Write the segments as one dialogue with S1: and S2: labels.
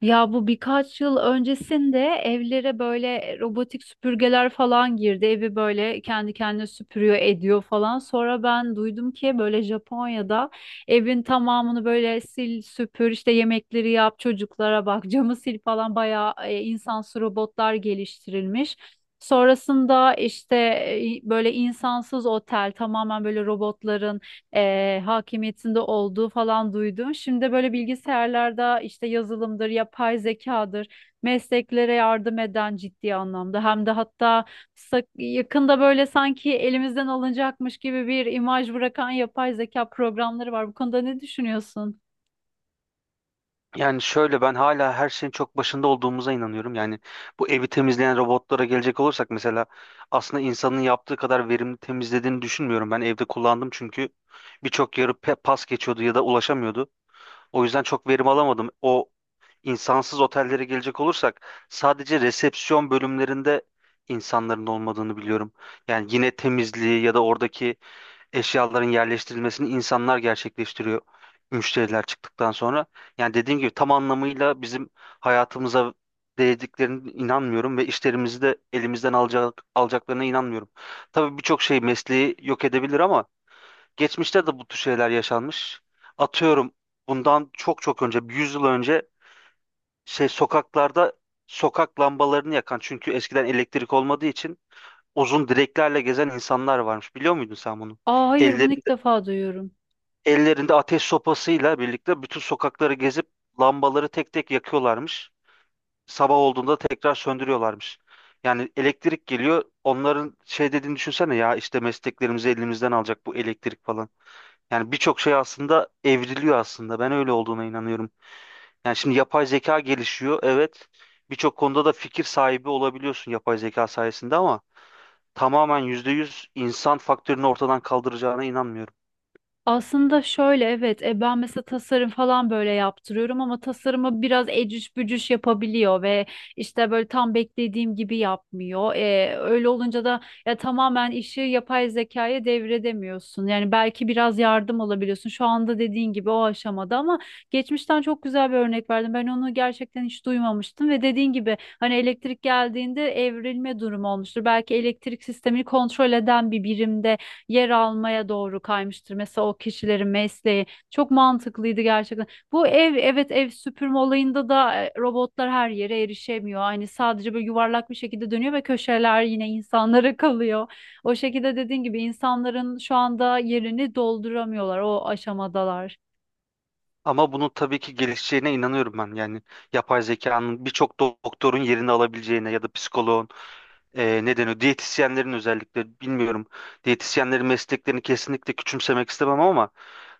S1: Ya bu birkaç yıl öncesinde evlere böyle robotik süpürgeler falan girdi. Evi böyle kendi kendine süpürüyor, ediyor falan. Sonra ben duydum ki böyle Japonya'da evin tamamını böyle sil, süpür, işte yemekleri yap, çocuklara bak, camı sil falan bayağı insansı robotlar geliştirilmiş. Sonrasında işte böyle insansız otel tamamen böyle robotların hakimiyetinde olduğu falan duydum. Şimdi de böyle bilgisayarlarda işte yazılımdır, yapay zekadır, mesleklere yardım eden ciddi anlamda. Hem de hatta yakında böyle sanki elimizden alınacakmış gibi bir imaj bırakan yapay zeka programları var. Bu konuda ne düşünüyorsun?
S2: Yani şöyle ben hala her şeyin çok başında olduğumuza inanıyorum. Yani bu evi temizleyen robotlara gelecek olursak mesela aslında insanın yaptığı kadar verimli temizlediğini düşünmüyorum. Ben evde kullandım çünkü birçok yarı pas geçiyordu ya da ulaşamıyordu. O yüzden çok verim alamadım. O insansız otellere gelecek olursak sadece resepsiyon bölümlerinde insanların olmadığını biliyorum. Yani yine temizliği ya da oradaki eşyaların yerleştirilmesini insanlar gerçekleştiriyor müşteriler çıktıktan sonra. Yani dediğim gibi tam anlamıyla bizim hayatımıza değdiklerine inanmıyorum ve işlerimizi de elimizden alacak, alacaklarına inanmıyorum. Tabii birçok şey mesleği yok edebilir ama geçmişte de bu tür şeyler yaşanmış. Atıyorum bundan çok çok önce, bir 100 yıl önce şey sokaklarda sokak lambalarını yakan çünkü eskiden elektrik olmadığı için uzun direklerle gezen insanlar varmış. Biliyor muydun sen bunu?
S1: Aa, hayır, bunu ilk
S2: Ellerinde
S1: defa duyuyorum.
S2: Ellerinde ateş sopasıyla birlikte bütün sokakları gezip lambaları tek tek yakıyorlarmış. Sabah olduğunda tekrar söndürüyorlarmış. Yani elektrik geliyor. Onların şey dediğini düşünsene ya işte mesleklerimizi elimizden alacak bu elektrik falan. Yani birçok şey aslında evriliyor aslında. Ben öyle olduğuna inanıyorum. Yani şimdi yapay zeka gelişiyor. Evet. Birçok konuda da fikir sahibi olabiliyorsun yapay zeka sayesinde ama tamamen %100 insan faktörünü ortadan kaldıracağına inanmıyorum.
S1: Aslında şöyle, evet, ben mesela tasarım falan böyle yaptırıyorum ama tasarımı biraz ecüş bücüş yapabiliyor ve işte böyle tam beklediğim gibi yapmıyor. Öyle olunca da ya tamamen işi yapay zekaya devredemiyorsun. Yani belki biraz yardım alabiliyorsun. Şu anda dediğin gibi o aşamada ama geçmişten çok güzel bir örnek verdim. Ben onu gerçekten hiç duymamıştım ve dediğin gibi, hani elektrik geldiğinde evrilme durumu olmuştur. Belki elektrik sistemini kontrol eden bir birimde yer almaya doğru kaymıştır. Mesela o kişilerin mesleği çok mantıklıydı gerçekten. Bu ev, evet, ev süpürme olayında da robotlar her yere erişemiyor. Hani sadece böyle yuvarlak bir şekilde dönüyor ve köşeler yine insanlara kalıyor. O şekilde dediğin gibi insanların şu anda yerini dolduramıyorlar. O aşamadalar.
S2: Ama bunun tabii ki gelişeceğine inanıyorum ben. Yani yapay zekanın birçok doktorun yerini alabileceğine ya da psikoloğun ne deniyor? Diyetisyenlerin özellikle bilmiyorum. Diyetisyenlerin mesleklerini kesinlikle küçümsemek istemem ama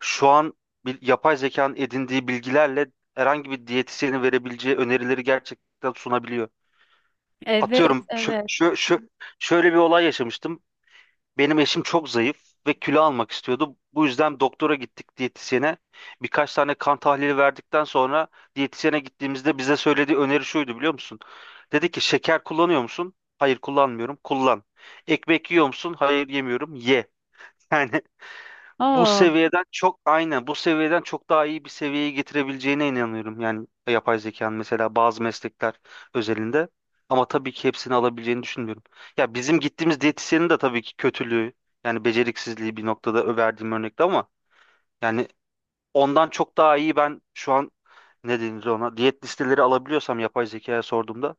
S2: şu an bir, yapay zekanın edindiği bilgilerle herhangi bir diyetisyenin verebileceği önerileri gerçekten sunabiliyor.
S1: Evet,
S2: Atıyorum şö
S1: evet.
S2: şö şö şöyle bir olay yaşamıştım. Benim eşim çok zayıf ve kilo almak istiyordu. Bu yüzden doktora gittik diyetisyene. Birkaç tane kan tahlili verdikten sonra diyetisyene gittiğimizde bize söylediği öneri şuydu biliyor musun? Dedi ki şeker kullanıyor musun? Hayır kullanmıyorum. Kullan. Ekmek yiyor musun? Hayır yemiyorum. Ye. Yani bu
S1: Aa.
S2: seviyeden çok aynen bu seviyeden çok daha iyi bir seviyeye getirebileceğine inanıyorum. Yani yapay zekanın mesela bazı meslekler özelinde ama tabii ki hepsini alabileceğini düşünmüyorum. Ya bizim gittiğimiz diyetisyenin de tabii ki kötülüğü yani beceriksizliği bir noktada verdiğim örnekte ama yani ondan çok daha iyi ben şu an ne denir ona diyet listeleri alabiliyorsam yapay zekaya sorduğumda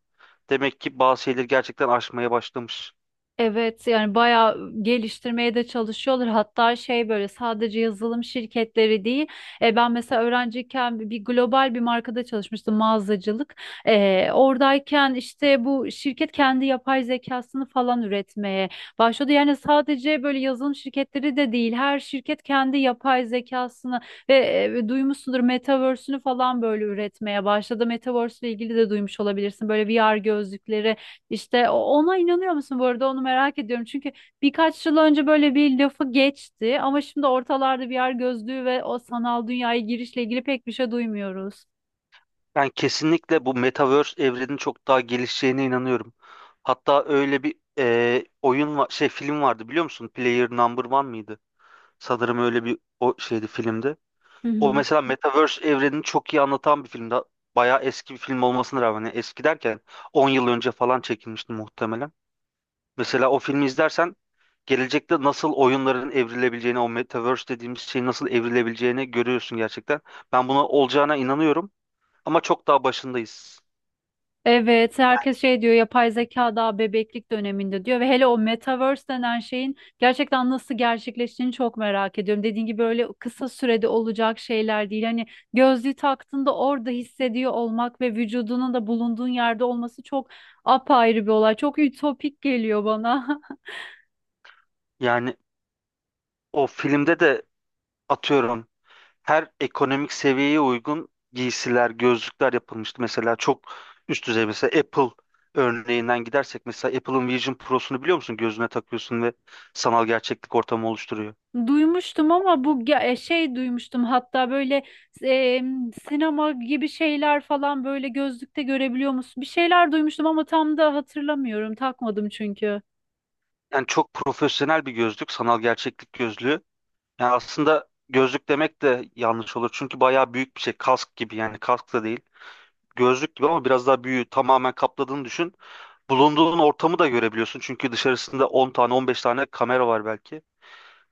S2: demek ki bazı şeyleri gerçekten aşmaya başlamış.
S1: Evet, yani bayağı geliştirmeye de çalışıyorlar. Hatta şey, böyle sadece yazılım şirketleri değil. Ben mesela öğrenciyken bir global bir markada çalışmıştım, mağazacılık. Oradayken işte bu şirket kendi yapay zekasını falan üretmeye başladı. Yani sadece böyle yazılım şirketleri de değil. Her şirket kendi yapay zekasını ve duymuşsundur Metaverse'ünü falan böyle üretmeye başladı. Metaverse ile ilgili de duymuş olabilirsin. Böyle VR gözlükleri işte ona inanıyor musun bu arada, onu merak ediyorum. Çünkü birkaç yıl önce böyle bir lafı geçti ama şimdi ortalarda VR gözlüğü ve o sanal dünyaya girişle ilgili pek bir şey duymuyoruz.
S2: Ben kesinlikle bu Metaverse evrenin çok daha gelişeceğine inanıyorum. Hatta öyle bir oyun var, şey film vardı biliyor musun? Player Number One mıydı? Sanırım öyle bir o şeydi filmde.
S1: Hı
S2: O
S1: hı.
S2: mesela Metaverse evrenini çok iyi anlatan bir filmdi. Bayağı eski bir film olmasına rağmen yani eski derken 10 yıl önce falan çekilmişti muhtemelen. Mesela o filmi izlersen gelecekte nasıl oyunların evrilebileceğini, o Metaverse dediğimiz şeyin nasıl evrilebileceğini görüyorsun gerçekten. Ben buna olacağına inanıyorum ama çok daha başındayız.
S1: Evet, herkes şey diyor, yapay zeka daha bebeklik döneminde diyor ve hele o metaverse denen şeyin gerçekten nasıl gerçekleştiğini çok merak ediyorum. Dediğin gibi böyle kısa sürede olacak şeyler değil. Hani gözlüğü taktığında orada hissediyor olmak ve vücudunun da bulunduğun yerde olması çok apayrı bir olay. Çok ütopik geliyor bana.
S2: Yani o filmde de atıyorum her ekonomik seviyeye uygun giysiler, gözlükler yapılmıştı. Mesela çok üst düzey mesela Apple örneğinden gidersek mesela Apple'ın Vision Pro'sunu biliyor musun? Gözüne takıyorsun ve sanal gerçeklik ortamı oluşturuyor.
S1: Duymuştum ama bu şey duymuştum, hatta böyle e, sinema gibi şeyler falan böyle gözlükte görebiliyor musun? Bir şeyler duymuştum ama tam da hatırlamıyorum. Takmadım çünkü.
S2: Yani çok profesyonel bir gözlük, sanal gerçeklik gözlüğü. Yani aslında gözlük demek de yanlış olur. Çünkü bayağı büyük bir şey. Kask gibi yani kask da değil. Gözlük gibi ama biraz daha büyüğü tamamen kapladığını düşün. Bulunduğun ortamı da görebiliyorsun. Çünkü dışarısında 10 tane 15 tane kamera var belki.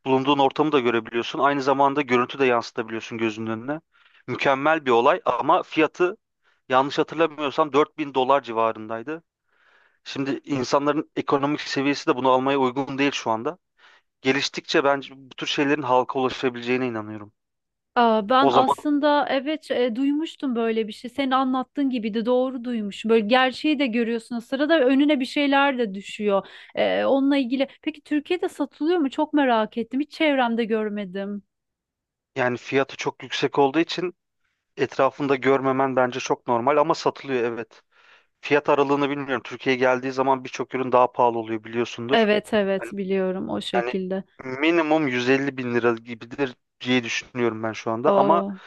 S2: Bulunduğun ortamı da görebiliyorsun. Aynı zamanda görüntü de yansıtabiliyorsun gözünün önüne. Mükemmel bir olay ama fiyatı yanlış hatırlamıyorsam 4.000 dolar civarındaydı. Şimdi insanların ekonomik seviyesi de bunu almaya uygun değil şu anda. Geliştikçe bence bu tür şeylerin halka ulaşabileceğine inanıyorum.
S1: Aa, ben
S2: O zaman
S1: aslında, evet, duymuştum böyle bir şey. Senin anlattığın gibiydi, doğru duymuşum. Böyle gerçeği de görüyorsun, o sırada önüne bir şeyler de düşüyor. Onunla ilgili. Peki Türkiye'de satılıyor mu? Çok merak ettim. Hiç çevremde görmedim.
S2: yani fiyatı çok yüksek olduğu için etrafında görmemen bence çok normal ama satılıyor evet. Fiyat aralığını bilmiyorum. Türkiye'ye geldiği zaman birçok ürün daha pahalı oluyor biliyorsundur.
S1: Evet, evet,
S2: Yani,
S1: biliyorum o
S2: yani
S1: şekilde.
S2: minimum 150 bin lira gibidir diye düşünüyorum ben şu anda. Ama
S1: Aa,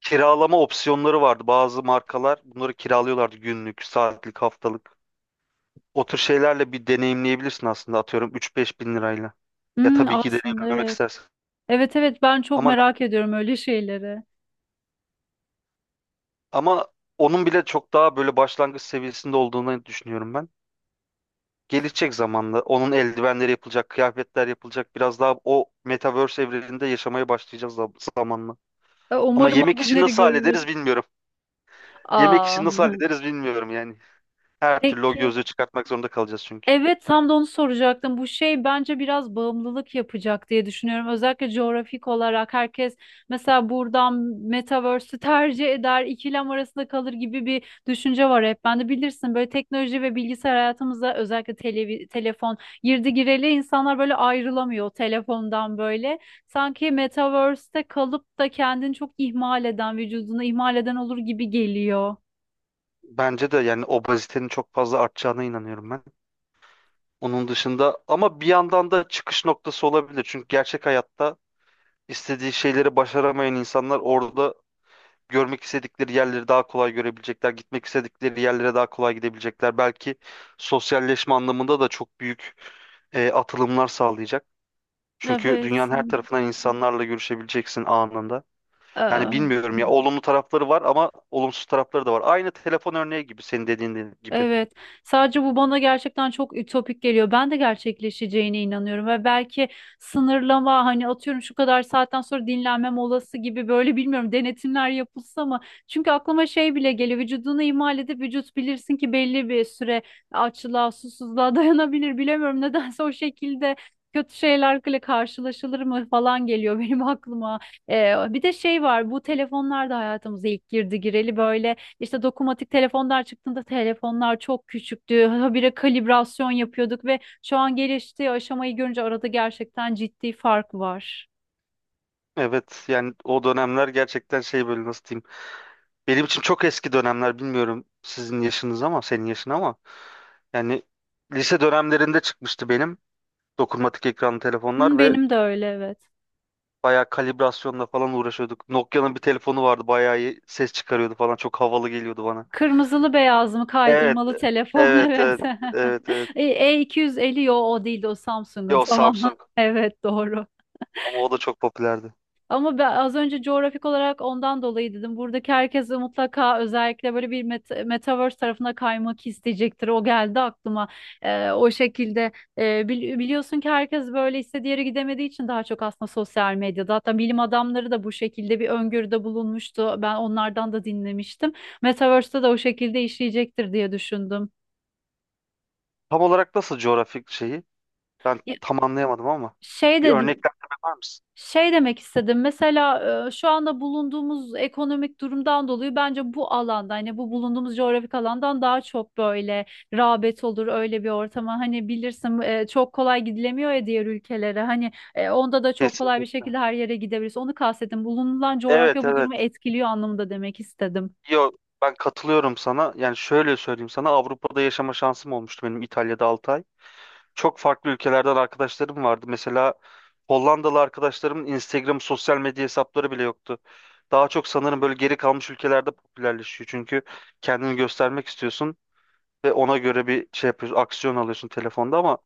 S2: kiralama opsiyonları vardı. Bazı markalar bunları kiralıyorlardı günlük, saatlik, haftalık. O tür şeylerle bir deneyimleyebilirsin aslında atıyorum 3-5 bin lirayla. Ya
S1: hmm,
S2: tabii ki
S1: aslında
S2: deneyimlemek
S1: evet.
S2: istersen.
S1: Evet, evet, ben çok
S2: Ama
S1: merak ediyorum öyle şeyleri.
S2: ama onun bile çok daha böyle başlangıç seviyesinde olduğunu düşünüyorum ben. Gelecek zamanla onun eldivenleri yapılacak, kıyafetler yapılacak. Biraz daha o metaverse evreninde yaşamaya başlayacağız zamanla. Ama
S1: Umarım o
S2: yemek işini
S1: günleri
S2: nasıl
S1: görürüz.
S2: hallederiz bilmiyorum. Yemek
S1: Aa,
S2: işini nasıl hallederiz bilmiyorum yani. Her türlü o
S1: peki.
S2: gözlüğü çıkartmak zorunda kalacağız çünkü.
S1: Evet, tam da onu soracaktım. Bu şey bence biraz bağımlılık yapacak diye düşünüyorum. Özellikle coğrafik olarak herkes mesela buradan Metaverse'ü tercih eder, ikilem arasında kalır gibi bir düşünce var hep. Ben de bilirsin, böyle teknoloji ve bilgisayar hayatımıza, özellikle telefon girdi gireli insanlar böyle ayrılamıyor telefondan böyle. Sanki Metaverse'te kalıp da kendini çok ihmal eden, vücudunu ihmal eden olur gibi geliyor.
S2: Bence de yani obezitenin çok fazla artacağına inanıyorum ben. Onun dışında ama bir yandan da çıkış noktası olabilir. Çünkü gerçek hayatta istediği şeyleri başaramayan insanlar orada görmek istedikleri yerleri daha kolay görebilecekler, gitmek istedikleri yerlere daha kolay gidebilecekler. Belki sosyalleşme anlamında da çok büyük atılımlar sağlayacak. Çünkü
S1: Evet.
S2: dünyanın her tarafından insanlarla görüşebileceksin anında. Yani bilmiyorum ya olumlu tarafları var ama olumsuz tarafları da var. Aynı telefon örneği gibi senin dediğin gibi.
S1: Evet. Sadece bu bana gerçekten çok ütopik geliyor. Ben de gerçekleşeceğine inanıyorum ve belki sınırlama, hani atıyorum şu kadar saatten sonra dinlenme molası gibi böyle, bilmiyorum, denetimler yapılsa mı? Çünkü aklıma şey bile geliyor. Vücudunu ihmal edip vücut bilirsin ki belli bir süre açlığa, susuzluğa dayanabilir. Bilemiyorum, nedense o şekilde kötü şeylerle karşılaşılır mı falan geliyor benim aklıma. Bir de şey var, bu telefonlar da hayatımıza ilk girdi gireli böyle işte dokunmatik telefonlar çıktığında telefonlar çok küçüktü. Habire kalibrasyon yapıyorduk ve şu an geliştiği aşamayı görünce arada gerçekten ciddi fark var.
S2: Evet yani o dönemler gerçekten şey böyle nasıl diyeyim. Benim için çok eski dönemler bilmiyorum sizin yaşınız ama senin yaşın ama. Yani lise dönemlerinde çıkmıştı benim. Dokunmatik ekranlı
S1: Hı,
S2: telefonlar ve
S1: benim de öyle, evet.
S2: bayağı kalibrasyonla falan uğraşıyorduk. Nokia'nın bir telefonu vardı bayağı iyi ses çıkarıyordu falan çok havalı geliyordu bana.
S1: Kırmızılı beyaz mı
S2: Evet,
S1: kaydırmalı telefon
S2: evet, evet,
S1: evet.
S2: evet, evet.
S1: E, E250, yo, o değildi, o Samsung'un,
S2: Yo
S1: tamam.
S2: Samsung
S1: Evet, doğru.
S2: ama o da çok popülerdi.
S1: Ama ben az önce coğrafik olarak ondan dolayı dedim. Buradaki herkes de mutlaka özellikle böyle bir metaverse tarafına kaymak isteyecektir. O geldi aklıma. Ee, o şekilde Ee, Biliyorsun ki herkes böyle istediği yere gidemediği için daha çok aslında sosyal medyada. Hatta bilim adamları da bu şekilde bir öngörüde bulunmuştu. Ben onlardan da dinlemiştim. Metaverse'te de o şekilde işleyecektir diye düşündüm.
S2: Tam olarak nasıl coğrafik şeyi? Ben
S1: Ya,
S2: tam anlayamadım ama
S1: Şey
S2: bir
S1: dedim.
S2: örneklendirme var mısın?
S1: Şey demek istedim. Mesela şu anda bulunduğumuz ekonomik durumdan dolayı bence bu alanda, hani bu bulunduğumuz coğrafik alandan daha çok böyle rağbet olur öyle bir ortama. Hani bilirsin, çok kolay gidilemiyor ya diğer ülkelere. Hani onda da çok kolay bir
S2: Kesinlikle.
S1: şekilde her yere gidebiliriz. Onu kastettim. Bulunulan
S2: Evet,
S1: coğrafya bu durumu
S2: evet.
S1: etkiliyor anlamında demek istedim.
S2: Yo ben katılıyorum sana. Yani şöyle söyleyeyim sana Avrupa'da yaşama şansım olmuştu benim İtalya'da 6 ay. Çok farklı ülkelerden arkadaşlarım vardı. Mesela Hollandalı arkadaşlarımın Instagram sosyal medya hesapları bile yoktu. Daha çok sanırım böyle geri kalmış ülkelerde popülerleşiyor. Çünkü kendini göstermek istiyorsun ve ona göre bir şey yapıyorsun, aksiyon alıyorsun telefonda ama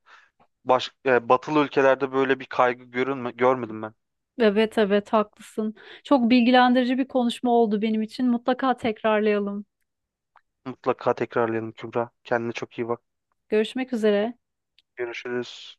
S2: batılı ülkelerde böyle bir kaygı görünme, görmedim ben.
S1: Evet, evet, haklısın. Çok bilgilendirici bir konuşma oldu benim için. Mutlaka tekrarlayalım.
S2: Mutlaka tekrarlayalım Kübra. Kendine çok iyi bak.
S1: Görüşmek üzere.
S2: Görüşürüz.